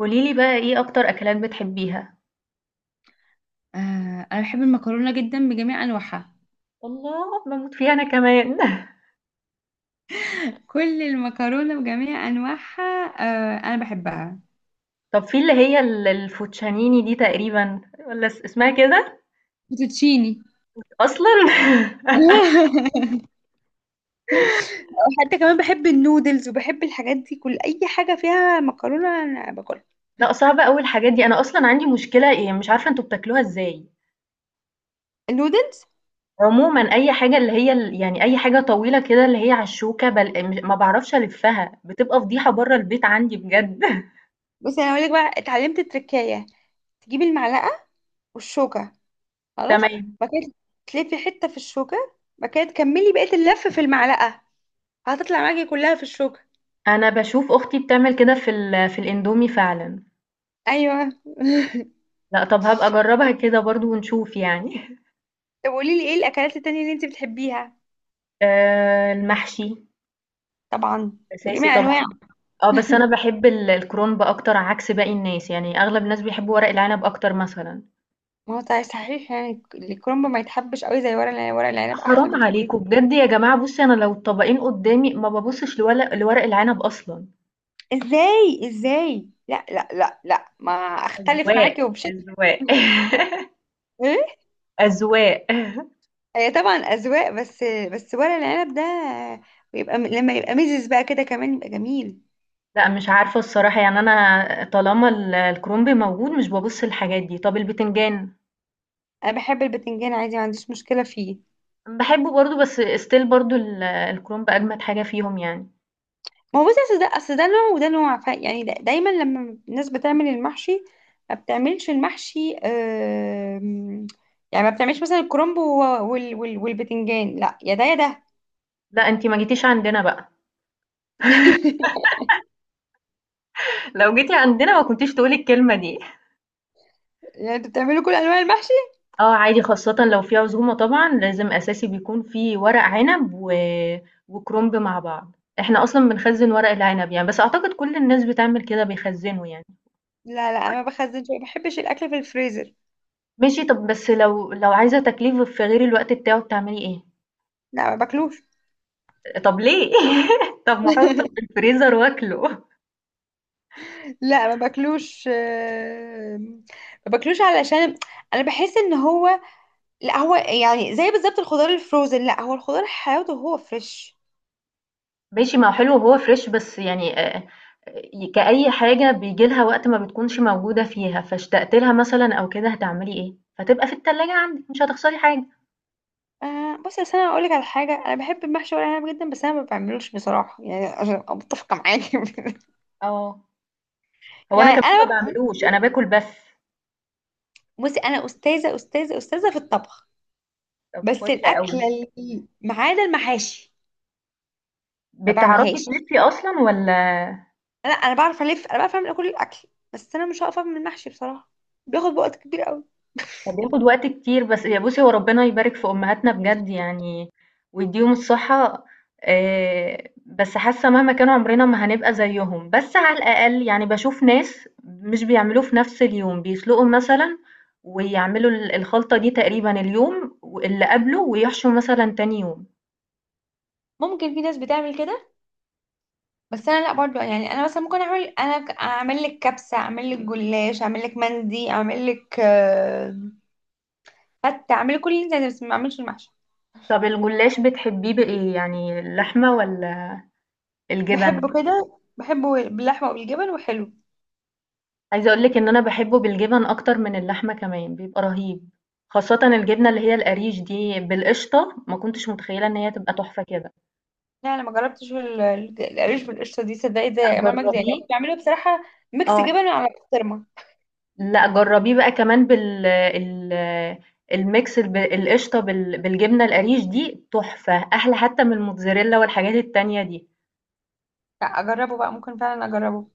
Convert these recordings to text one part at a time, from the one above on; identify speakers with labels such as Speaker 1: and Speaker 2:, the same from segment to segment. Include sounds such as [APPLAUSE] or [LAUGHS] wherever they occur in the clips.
Speaker 1: قولي لي بقى إيه أكتر أكلات بتحبيها؟
Speaker 2: آه انا بحب المكرونه جدا بجميع انواعها.
Speaker 1: الله باموت فيها انا كمان. [LAUGHS]
Speaker 2: كل المكرونه بجميع انواعها. آه انا بحبها.
Speaker 1: طب في اللي هي الفوتشانيني دي تقريبا ولا اسمها كده؟
Speaker 2: فوتوتشيني.
Speaker 1: أصلا. [LAUGHS]
Speaker 2: [LAUGHS] وحتى كمان بحب النودلز وبحب الحاجات دي، كل اي حاجه فيها مكرونه انا باكلها.
Speaker 1: لا صعبة أوي الحاجات دي. أنا أصلا عندي مشكلة إيه مش عارفة أنتوا بتاكلوها إزاي.
Speaker 2: النودلز.
Speaker 1: عموما أي حاجة اللي هي يعني أي حاجة طويلة كده اللي هي على الشوكة ما بعرفش ألفها بتبقى فضيحة بره البيت عندي بجد. [LAUGHS]
Speaker 2: بس انا هقول لك بقى، اتعلمت التركايه: تجيبي المعلقه والشوكه، خلاص،
Speaker 1: تمام.
Speaker 2: بعد كده تلفي حته في الشوكه، بعد كده تكملي بقيه اللف في المعلقه، هتطلع معاكي كلها في الشوكه.
Speaker 1: أنا بشوف أختي بتعمل كده في الإندومي فعلا.
Speaker 2: ايوه.
Speaker 1: لا طب هبقى أجربها كده برضو ونشوف يعني. [LAUGHS]
Speaker 2: [LAUGHS] طب قولي لي ايه الاكلات التانية اللي انت بتحبيها؟
Speaker 1: المحشي
Speaker 2: طبعا.
Speaker 1: أساسي
Speaker 2: بجميع انواع.
Speaker 1: طبعًا، آه، بس أنا
Speaker 2: [LAUGHS]
Speaker 1: باحب ال الكرنب أكتر عكس باقي الناس، يعني أغلب الناس بيحبوا ورق العنب أكتر مثلًا.
Speaker 2: ما هو صحيح صحيح، يعني الكرنب ما يتحبش قوي زي ورق العنب، ورق العنب احلى
Speaker 1: حرام
Speaker 2: بكتير.
Speaker 1: عليكم بجد يا جماعة بُصّي أنا لو الطبقين قدّامي ما بابُصّش لورق العنب أصلًا.
Speaker 2: ازاي ازاي، لا لا لا لا ما، اختلف
Speaker 1: أذواق،
Speaker 2: معاكي وبشكل.
Speaker 1: أذواق،
Speaker 2: [LAUGHS]
Speaker 1: [LAUGHS]
Speaker 2: ايه.
Speaker 1: أذواق.
Speaker 2: هي طبعا اذواق، بس ورق العنب ده بيبقى لما يبقى ميزز بقى كده كمان يبقى جميل.
Speaker 1: لأ مش عارفة الصراحة، يعني أنا طالما ال الكرنب موجود مش بابُص للحاجات دي. طَب البتنجان؟
Speaker 2: انا بحب البتنجان عادي، ما عنديش مشكله فيه.
Speaker 1: باحبه برضه بس still برضه ال الكرنب أجمد حاجة فيهم يعني.
Speaker 2: ما هو بصي، اصل ده نوع وده نوع، ف يعني دا دايما لما الناس بتعمل المحشي، ما بتعملش المحشي يعني ما بتعملش مثلا الكرنب و والبتنجان، لا يا ده يا ده.
Speaker 1: لأ أنتِ ما جيتيش عندنا بقى.
Speaker 2: [LAUGHS]
Speaker 1: لو جيتي عندنا ما كنتيش تقولي الكلمة دي.
Speaker 2: يعني انتوا بتعملوا كل انواع المحشي؟
Speaker 1: اه عادي خاصة لو في عزومة طبعا لازم أساسي بيكون في ورق عنب وكرنب مع بعض. احنا أصلا بنخزن ورق العنب يعني بس أعتقد كل الناس بتعمل كده بيخزنوا يعني.
Speaker 2: لا لا، انا ما بخزنش، ما بحبش الاكل في الفريزر.
Speaker 1: ماشي طب بس لو عايزة تكليف في غير الوقت بتاعه بتعملي ايه؟
Speaker 2: لا ما باكلوش.
Speaker 1: طب ليه. [LAUGHS] طب ما احطه في
Speaker 2: [LAUGHS]
Speaker 1: الفريزر واكله.
Speaker 2: لا ما باكلوش ما باكلوش علشان انا بحس ان هو، لا هو يعني زي بالظبط الخضار الفروزن، لا هو الخضار حياته هو فريش.
Speaker 1: ماشي ما هو حلو وهو فريش بس يعني آه، آه، كأي حاجة بيجي لها وقت ما بتكونش موجودة فيها فاشتقت لها مثلا أو كده هتعملي إيه؟ فتبقى في التلاجة عندك مش هتخسري حاجة.
Speaker 2: آه بصي، بس انا اقول لك على حاجه، انا بحب المحشي ورق عنب جدا، بس انا ما بعملوش بصراحه، يعني عشان ابقى متفقه معاكي.
Speaker 1: اه
Speaker 2: [LAUGHS]
Speaker 1: هو أنا
Speaker 2: يعني
Speaker 1: كمان ما
Speaker 2: انا بب...
Speaker 1: بعملوش. أنا باكل بس.
Speaker 2: بصي انا استاذه في الطبخ،
Speaker 1: طب
Speaker 2: بس
Speaker 1: فل قوي.
Speaker 2: الاكله
Speaker 1: مم.
Speaker 2: اللي ما عدا المحاشي ما
Speaker 1: بتعرفي
Speaker 2: بعملهاش.
Speaker 1: تلفي اصلا ولا.
Speaker 2: انا بعرف الف، انا بعرف اعمل كل الاكل، بس انا مش هقف اعمل المحشي بصراحه، بياخد وقت كبير قوي.
Speaker 1: هو بياخد وقت كتير بس يا بُصّي هو ربنا يبارك في أمهاتنا بجد يعني ويديهم الصحة. بس حاسة مهما كان عمرنا ما هنبقى زيهم، بس على الأقل يعني باشوف ناس مش بيعملوه في نفس اليوم، بيسلقوا مثلًا ويعملوا ال الخلطة دي تقريبًا اليوم واللي قبله ويحشوا مثلًا تاني يوم.
Speaker 2: ممكن في ناس بتعمل كده، بس انا لا برضو، يعني انا مثلا ممكن اعمل انا اعمل لك كبسه، اعمل لك جلاش، اعمل لك مندي، اعمل لك فتة، اعمل لك كل اللي انت عايزاه، بس ما اعملش المحشي.
Speaker 1: طب الجلاش بتحبيه بإيه، يعني اللحمة والّا
Speaker 2: بحبه
Speaker 1: الجبن؟
Speaker 2: كده، بحبه باللحمة وبالجبن وحلو.
Speaker 1: عايزة اقول لِك إن أنا باحبه بالجبن أكتر من اللحمة كمان، بيبقى رهيب، خاصةً الجبنة اللي هي القريش دي بالقشطة، ما كنتش متخيلة إن هي تبقى تحفة كده.
Speaker 2: لا انا ما جربتش القريش بالقشطة دي، صدقي زي
Speaker 1: لأ
Speaker 2: امال مجدي يعني
Speaker 1: جربيه.
Speaker 2: كنت بعمله بصراحة ميكس
Speaker 1: آه،
Speaker 2: جبن على بسطرمة.
Speaker 1: لأ جربيه بقى كمان بال ال الميكس القشطة بالجبنة القريش دي تحفة، أحلى حتى من الموتزاريلا والحاجات التانية دي.
Speaker 2: لا اجربه بقى، ممكن فعلا اجربه.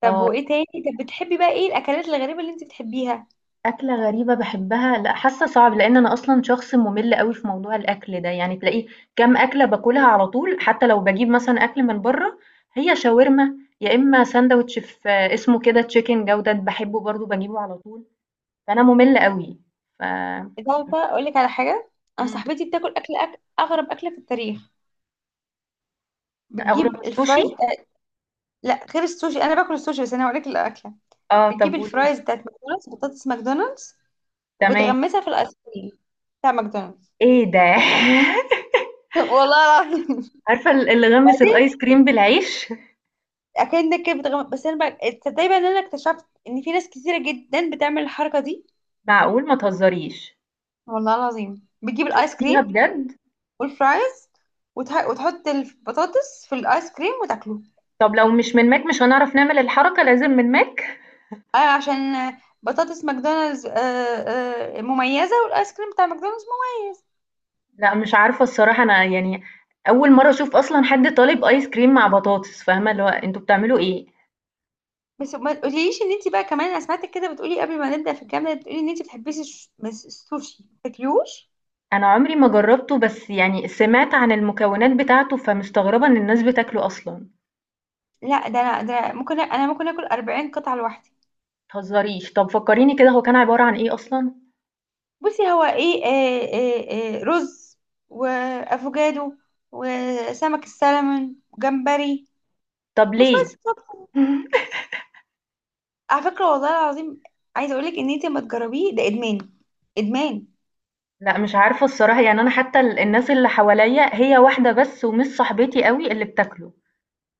Speaker 2: طب
Speaker 1: آه.
Speaker 2: وايه تاني؟ طب بتحبي بقى ايه الاكلات الغريبة اللي انت بتحبيها؟
Speaker 1: أكلة غريبة باحبها لأ، حاسة صعب، لإن أنا أصلًا شخص مُمِل أوي في موضوع الأكل ده، يعني تلاقيه كام أكلة باكلها على طول، حتى لو باجيب مثلًا أكل من برّه، هي شاورما يا إما ساندوتش في اسمه كده chicken جودة باحبه برضه باجيبه على طول، فأنا مُمِل أوي. ف إمم،
Speaker 2: انت عارفة اقول لك على حاجة، انا صاحبتي بتاكل اكل اغرب اكلة في التاريخ،
Speaker 1: أغرب
Speaker 2: بتجيب
Speaker 1: السوشي؟
Speaker 2: الفرايز. لا غير السوشي، انا باكل السوشي، بس انا هقول لك الاكلة:
Speaker 1: آه،
Speaker 2: بتجيب
Speaker 1: طب قولي لي.
Speaker 2: الفرايز بتاعت ماكدونالدز، بطاطس ماكدونالدز،
Speaker 1: تمام.
Speaker 2: وبتغمسها في الايس كريم بتاع ماكدونالدز.
Speaker 1: إيه ده! [LAUGHS]
Speaker 2: [LAUGHS] والله العظيم.
Speaker 1: عارفة اللي غمّس
Speaker 2: بعدين
Speaker 1: الآيس كريم بالعيش؟
Speaker 2: اكنك كده بتغمض، بس انا بقى تصدقي بقى ان انا اكتشفت ان في ناس كتيره جدا بتعمل الحركه دي،
Speaker 1: معقول! ما تهزريش.
Speaker 2: والله العظيم، بتجيب الايس
Speaker 1: شُفتيها
Speaker 2: كريم
Speaker 1: بجد؟
Speaker 2: والفرايز وتحط البطاطس في الايس كريم وتاكله.
Speaker 1: طب لو مش من ماك مش هنعرف نعمل الحركة لازم من ماك؟
Speaker 2: آه عشان بطاطس ماكدونالدز، آه آه مميزه، والايس كريم بتاع ماكدونالدز مميز.
Speaker 1: لأ مش عارفة الصراحة أنا يعني أول مرة أشوف أصلًا حد طالب آيس كريم مع بطاطس، فاهمة؟ اللي هو أنتم بتعملوا إيه؟
Speaker 2: بس ما تقوليش ان انت بقى كمان، انا سمعتك كده بتقولي قبل ما نبدا في الجامعه، بتقولي ان انت بتحبيش بس السوشي تاكليوش.
Speaker 1: أنا عمري ما جربته بس يعني سمعت عن المكونات بتاعته، فمستغربة إن الناس بتاكله أصلًا، ما
Speaker 2: لا ده انا، ده أنا ممكن انا ممكن اكل 40 قطعه لوحدي.
Speaker 1: تهزريش. طب فكريني كده هو كان عبارة عن إيه أصلًا؟
Speaker 2: بصي هو ايه، آه رز وافوكادو وسمك السلمون وجمبري
Speaker 1: طب
Speaker 2: وشويه
Speaker 1: ليه؟
Speaker 2: صوصات.
Speaker 1: [LAUGHS]
Speaker 2: على فكره والله العظيم عايزه اقولك ان انت ما تجربيه، ده ادمان، ادمان.
Speaker 1: لأ مش عارفة الصراحة يعني أنا حتى ال الناس اللي حواليّا هي واحدة بس ومش صاحبتي أوي اللي بتاكله،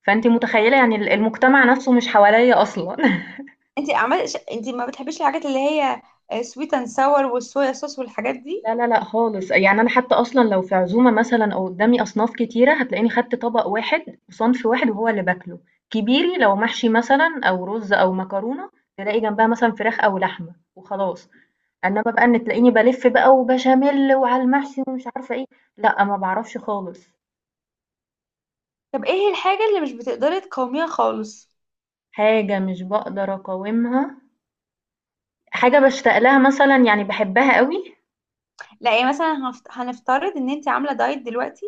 Speaker 1: فأنتِ متخيلة يعني ال المجتمع نفسه مش حواليّا أصلًا.
Speaker 2: انت عمال انت ما بتحبيش الحاجات اللي هي سويت اند ساور والصويا صوص والحاجات دي؟
Speaker 1: لا لا لأ خالص، يعني أنا حتى أصلًا لو في عزومة مثلًا أو قدامي أصناف كتيرة هتلاقيني خدت طبق واحد وصنف واحد وهو اللي باكله، كبيري لو محشي مثلًا أو رز أو مكرونة تلاقي جنبها مثلًا فراخ أو لحمة وخلاص، إنما بقى إن تلاقيني بالِف بقى وبشاميل وعلى المحشي ومش عارفة إيه، لأ ما باعرفش خالص.
Speaker 2: طب ايه الحاجه اللي مش بتقدري تقاوميها خالص؟
Speaker 1: حاجة مش باقدر أقاومها، حاجة باشتاق لها مثلًا يعني باحبها أوي.
Speaker 2: لا يعني مثلا هنفترض ان انت عامله دايت دلوقتي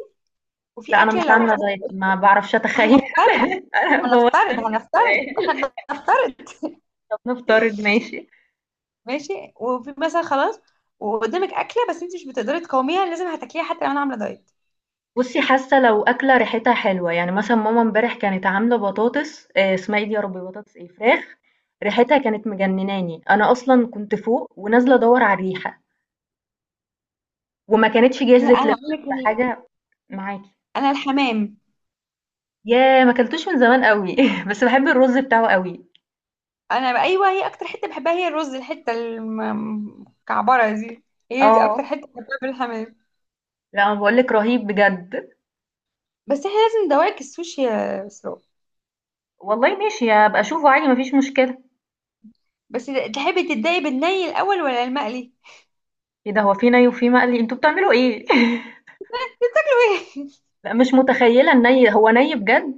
Speaker 2: وفي
Speaker 1: لأ أنا مش
Speaker 2: اكله لو.
Speaker 1: عاملة دايت ما باعرفش أتخيل.
Speaker 2: هنفترض
Speaker 1: [LAUGHS] أنا بوظت
Speaker 2: هنفترض
Speaker 1: لك
Speaker 2: هنفترض احنا
Speaker 1: السؤال.
Speaker 2: بنفترض،
Speaker 1: طب نفترض ماشي.
Speaker 2: ماشي، وفي مثلا خلاص وقدامك اكله بس انت مش بتقدري تقاوميها لازم هتاكليها، حتى لو انا عامله دايت.
Speaker 1: بُصّي، حاسة لو أكلة ريحتها حلوة، يعني مثلًا ماما امبارح كانت عاملة بطاطس اسمها إيه دي يا ربي بطاطس إيه، فراخ ريحتها كانت مجنناني، أنا أصلًا كنت فوق ونازلة أدوّر على الريحة، وما كانتش
Speaker 2: لا
Speaker 1: جهزت
Speaker 2: انا اقول
Speaker 1: لسه،
Speaker 2: لك
Speaker 1: فحاجة معاكِ.
Speaker 2: انا الحمام.
Speaker 1: ياه! ما اكلتوش من زمان أوي. [LAUGHS] بس باحب الرز بتاعه أوي.
Speaker 2: ايوه، هي اكتر حته بحبها هي الرز، الحته المكعبره دي، هي دي اكتر
Speaker 1: آه،
Speaker 2: حته بحبها بالحمام.
Speaker 1: لأ، أنا باقول لِك رهيب بجد.
Speaker 2: بس احنا لازم ندوقك السوشي يا اسراء.
Speaker 1: والله ماشي، هابقى أشوفه عادي ما فيش مشكلة.
Speaker 2: بس تحبي تتضايقي بالني الاول ولا المقلي؟
Speaker 1: إيه ده هو في ني وفي مقلي، أنتم بتعملوا إيه؟ [LAUGHS]
Speaker 2: [LAUGHS]
Speaker 1: لأ، مش متخيلة الني، هو ني بجد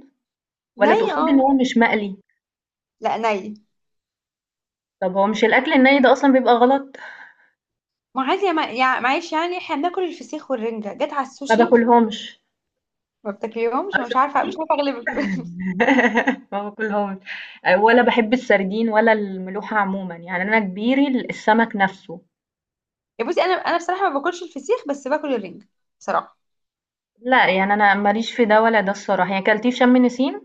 Speaker 1: والّا
Speaker 2: ني
Speaker 1: تقصدي إن
Speaker 2: اه.
Speaker 1: هو مش مقلي؟
Speaker 2: لا ني.
Speaker 1: طب هو مش الأكل الني ده أصلًا بيبقى غلط؟
Speaker 2: ما عادي يا معلش، يعني احنا بناكل الفسيخ والرنجة، جت على
Speaker 1: ما
Speaker 2: السوشي.
Speaker 1: باكلهمش.
Speaker 2: ما
Speaker 1: آه
Speaker 2: بتاكليهمش، مش عارفه، مش
Speaker 1: شُفتِ؟
Speaker 2: عارفه اغلبك. [LAUGHS]
Speaker 1: [LAUGHS] ما باكلهمش، ولا باحب السردين ولا الملوحة عمومًا، يعني أنا كبيري السمك نَفْسه.
Speaker 2: يا بصي انا بصراحه ما باكلش الفسيخ بس باكل الرنجه بصراحه.
Speaker 1: لأ يعني أنا ما ليش في ده ولا ده الصراحة، يعني كلتيه في شم نسيم؟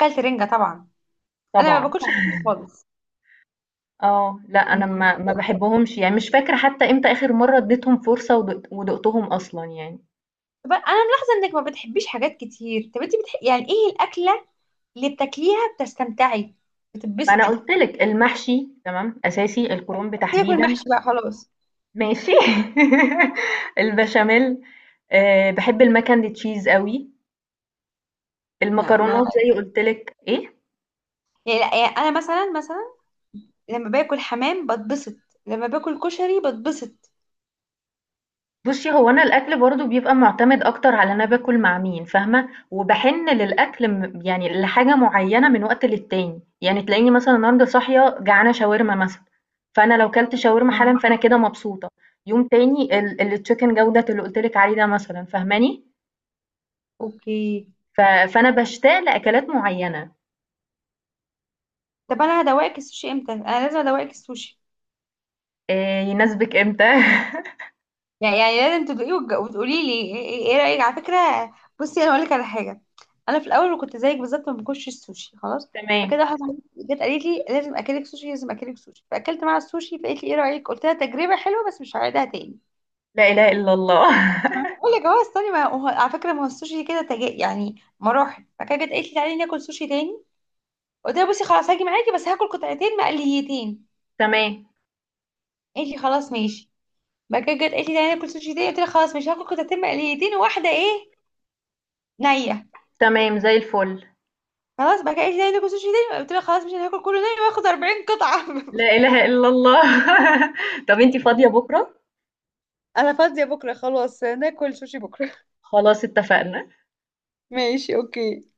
Speaker 2: اكلت رنجه طبعا. انا
Speaker 1: طبعًا،
Speaker 2: ما باكلش الفسيخ خالص.
Speaker 1: آه، لأ أنا ما باحبهمش، يعني مش فاكرة حتى إمتى آخر مرّة اديتهم فرصة ودُقتهم أصلًا يعني.
Speaker 2: طب انا ملاحظه انك ما بتحبيش حاجات كتير، طب انت يعني ايه الاكله اللي بتاكليها بتستمتعي،
Speaker 1: ما أنا
Speaker 2: بتتبسطي؟
Speaker 1: قُلت لِك المحشي تمام، أساسي، الكرنب
Speaker 2: سيبك من
Speaker 1: تحديدًا.
Speaker 2: المحشي بقى خلاص.
Speaker 1: ماشي. [LAUGHS] البشاميل آه، بحب المكن دي تشيز قوي.
Speaker 2: لا ما
Speaker 1: المكرونات زي قلت لك ايه.
Speaker 2: يعني, لا يعني انا مثلا لما باكل حمام بتبسط، لما باكل كشري بتبسط.
Speaker 1: بصي هو انا الاكل برضو بيبقى معتمد اكتر على انا باكل مع مين فاهمه وبحن للاكل يعني لحاجه معينه من وقت للتاني يعني تلاقيني مثلا النهارده صاحيه جعانه شاورما مثلا فانا لو كلت شاورما حالا
Speaker 2: اه
Speaker 1: فانا كده مبسوطه. يوم تاني التشيكن جوده اللي قلت لك عليه ده مثلا فاهماني.
Speaker 2: اوكي.
Speaker 1: ف- فانا بشتاق لاكلات معينه.
Speaker 2: طب انا هدوقك السوشي امتى؟ انا لازم ادوقك السوشي،
Speaker 1: إيه يناسبك امتى.
Speaker 2: يعني لازم تدوقيه وتقولي لي ايه إيه رايك. على فكره بصي انا هقول لك على حاجه، انا في الاول كنت زيك بالظبط، ما باكلش السوشي خلاص.
Speaker 1: [LAUGHS] تمام.
Speaker 2: فكده واحده صاحبتي جت قالت لي لازم اكلك سوشي لازم اكلك سوشي، فاكلت معاها السوشي، فقالت لي ايه رايك، قلت لها تجربه حلوه بس مش هعيدها تاني.
Speaker 1: لا إله إلا الله. [LAUGHS]
Speaker 2: أنا بقول لك اهو استني، ما هو على فكره ما هو السوشي كده تجا يعني مراحل. فكده جت قالت لي تعالي ناكل سوشي تاني، قلت لها بصي خلاص هاجي معاكي بس هاكل قطعتين مقليتين،
Speaker 1: تمام،
Speaker 2: قالت لي خلاص ماشي. بعد كده جت قالت لي تعالي ناكل سوشي تاني، قلت لها خلاص مش هاكل قطعتين مقليتين، وواحده ايه نيه.
Speaker 1: تمام زي الفل.
Speaker 2: خلاص بقى، ايه تاني، ناكل سوشي تاني، قلت لها خلاص مش هناكل كله تاني، واخد 40 قطعة.
Speaker 1: لا إله إلا الله. [LAUGHS] طب أنتِ فاضية بكرة؟
Speaker 2: [LAUGHS] انا فاضية بكرة، خلاص ناكل سوشي بكرة. [LAUGHS]
Speaker 1: خلاص اتفقنا.
Speaker 2: ماشي اوكي.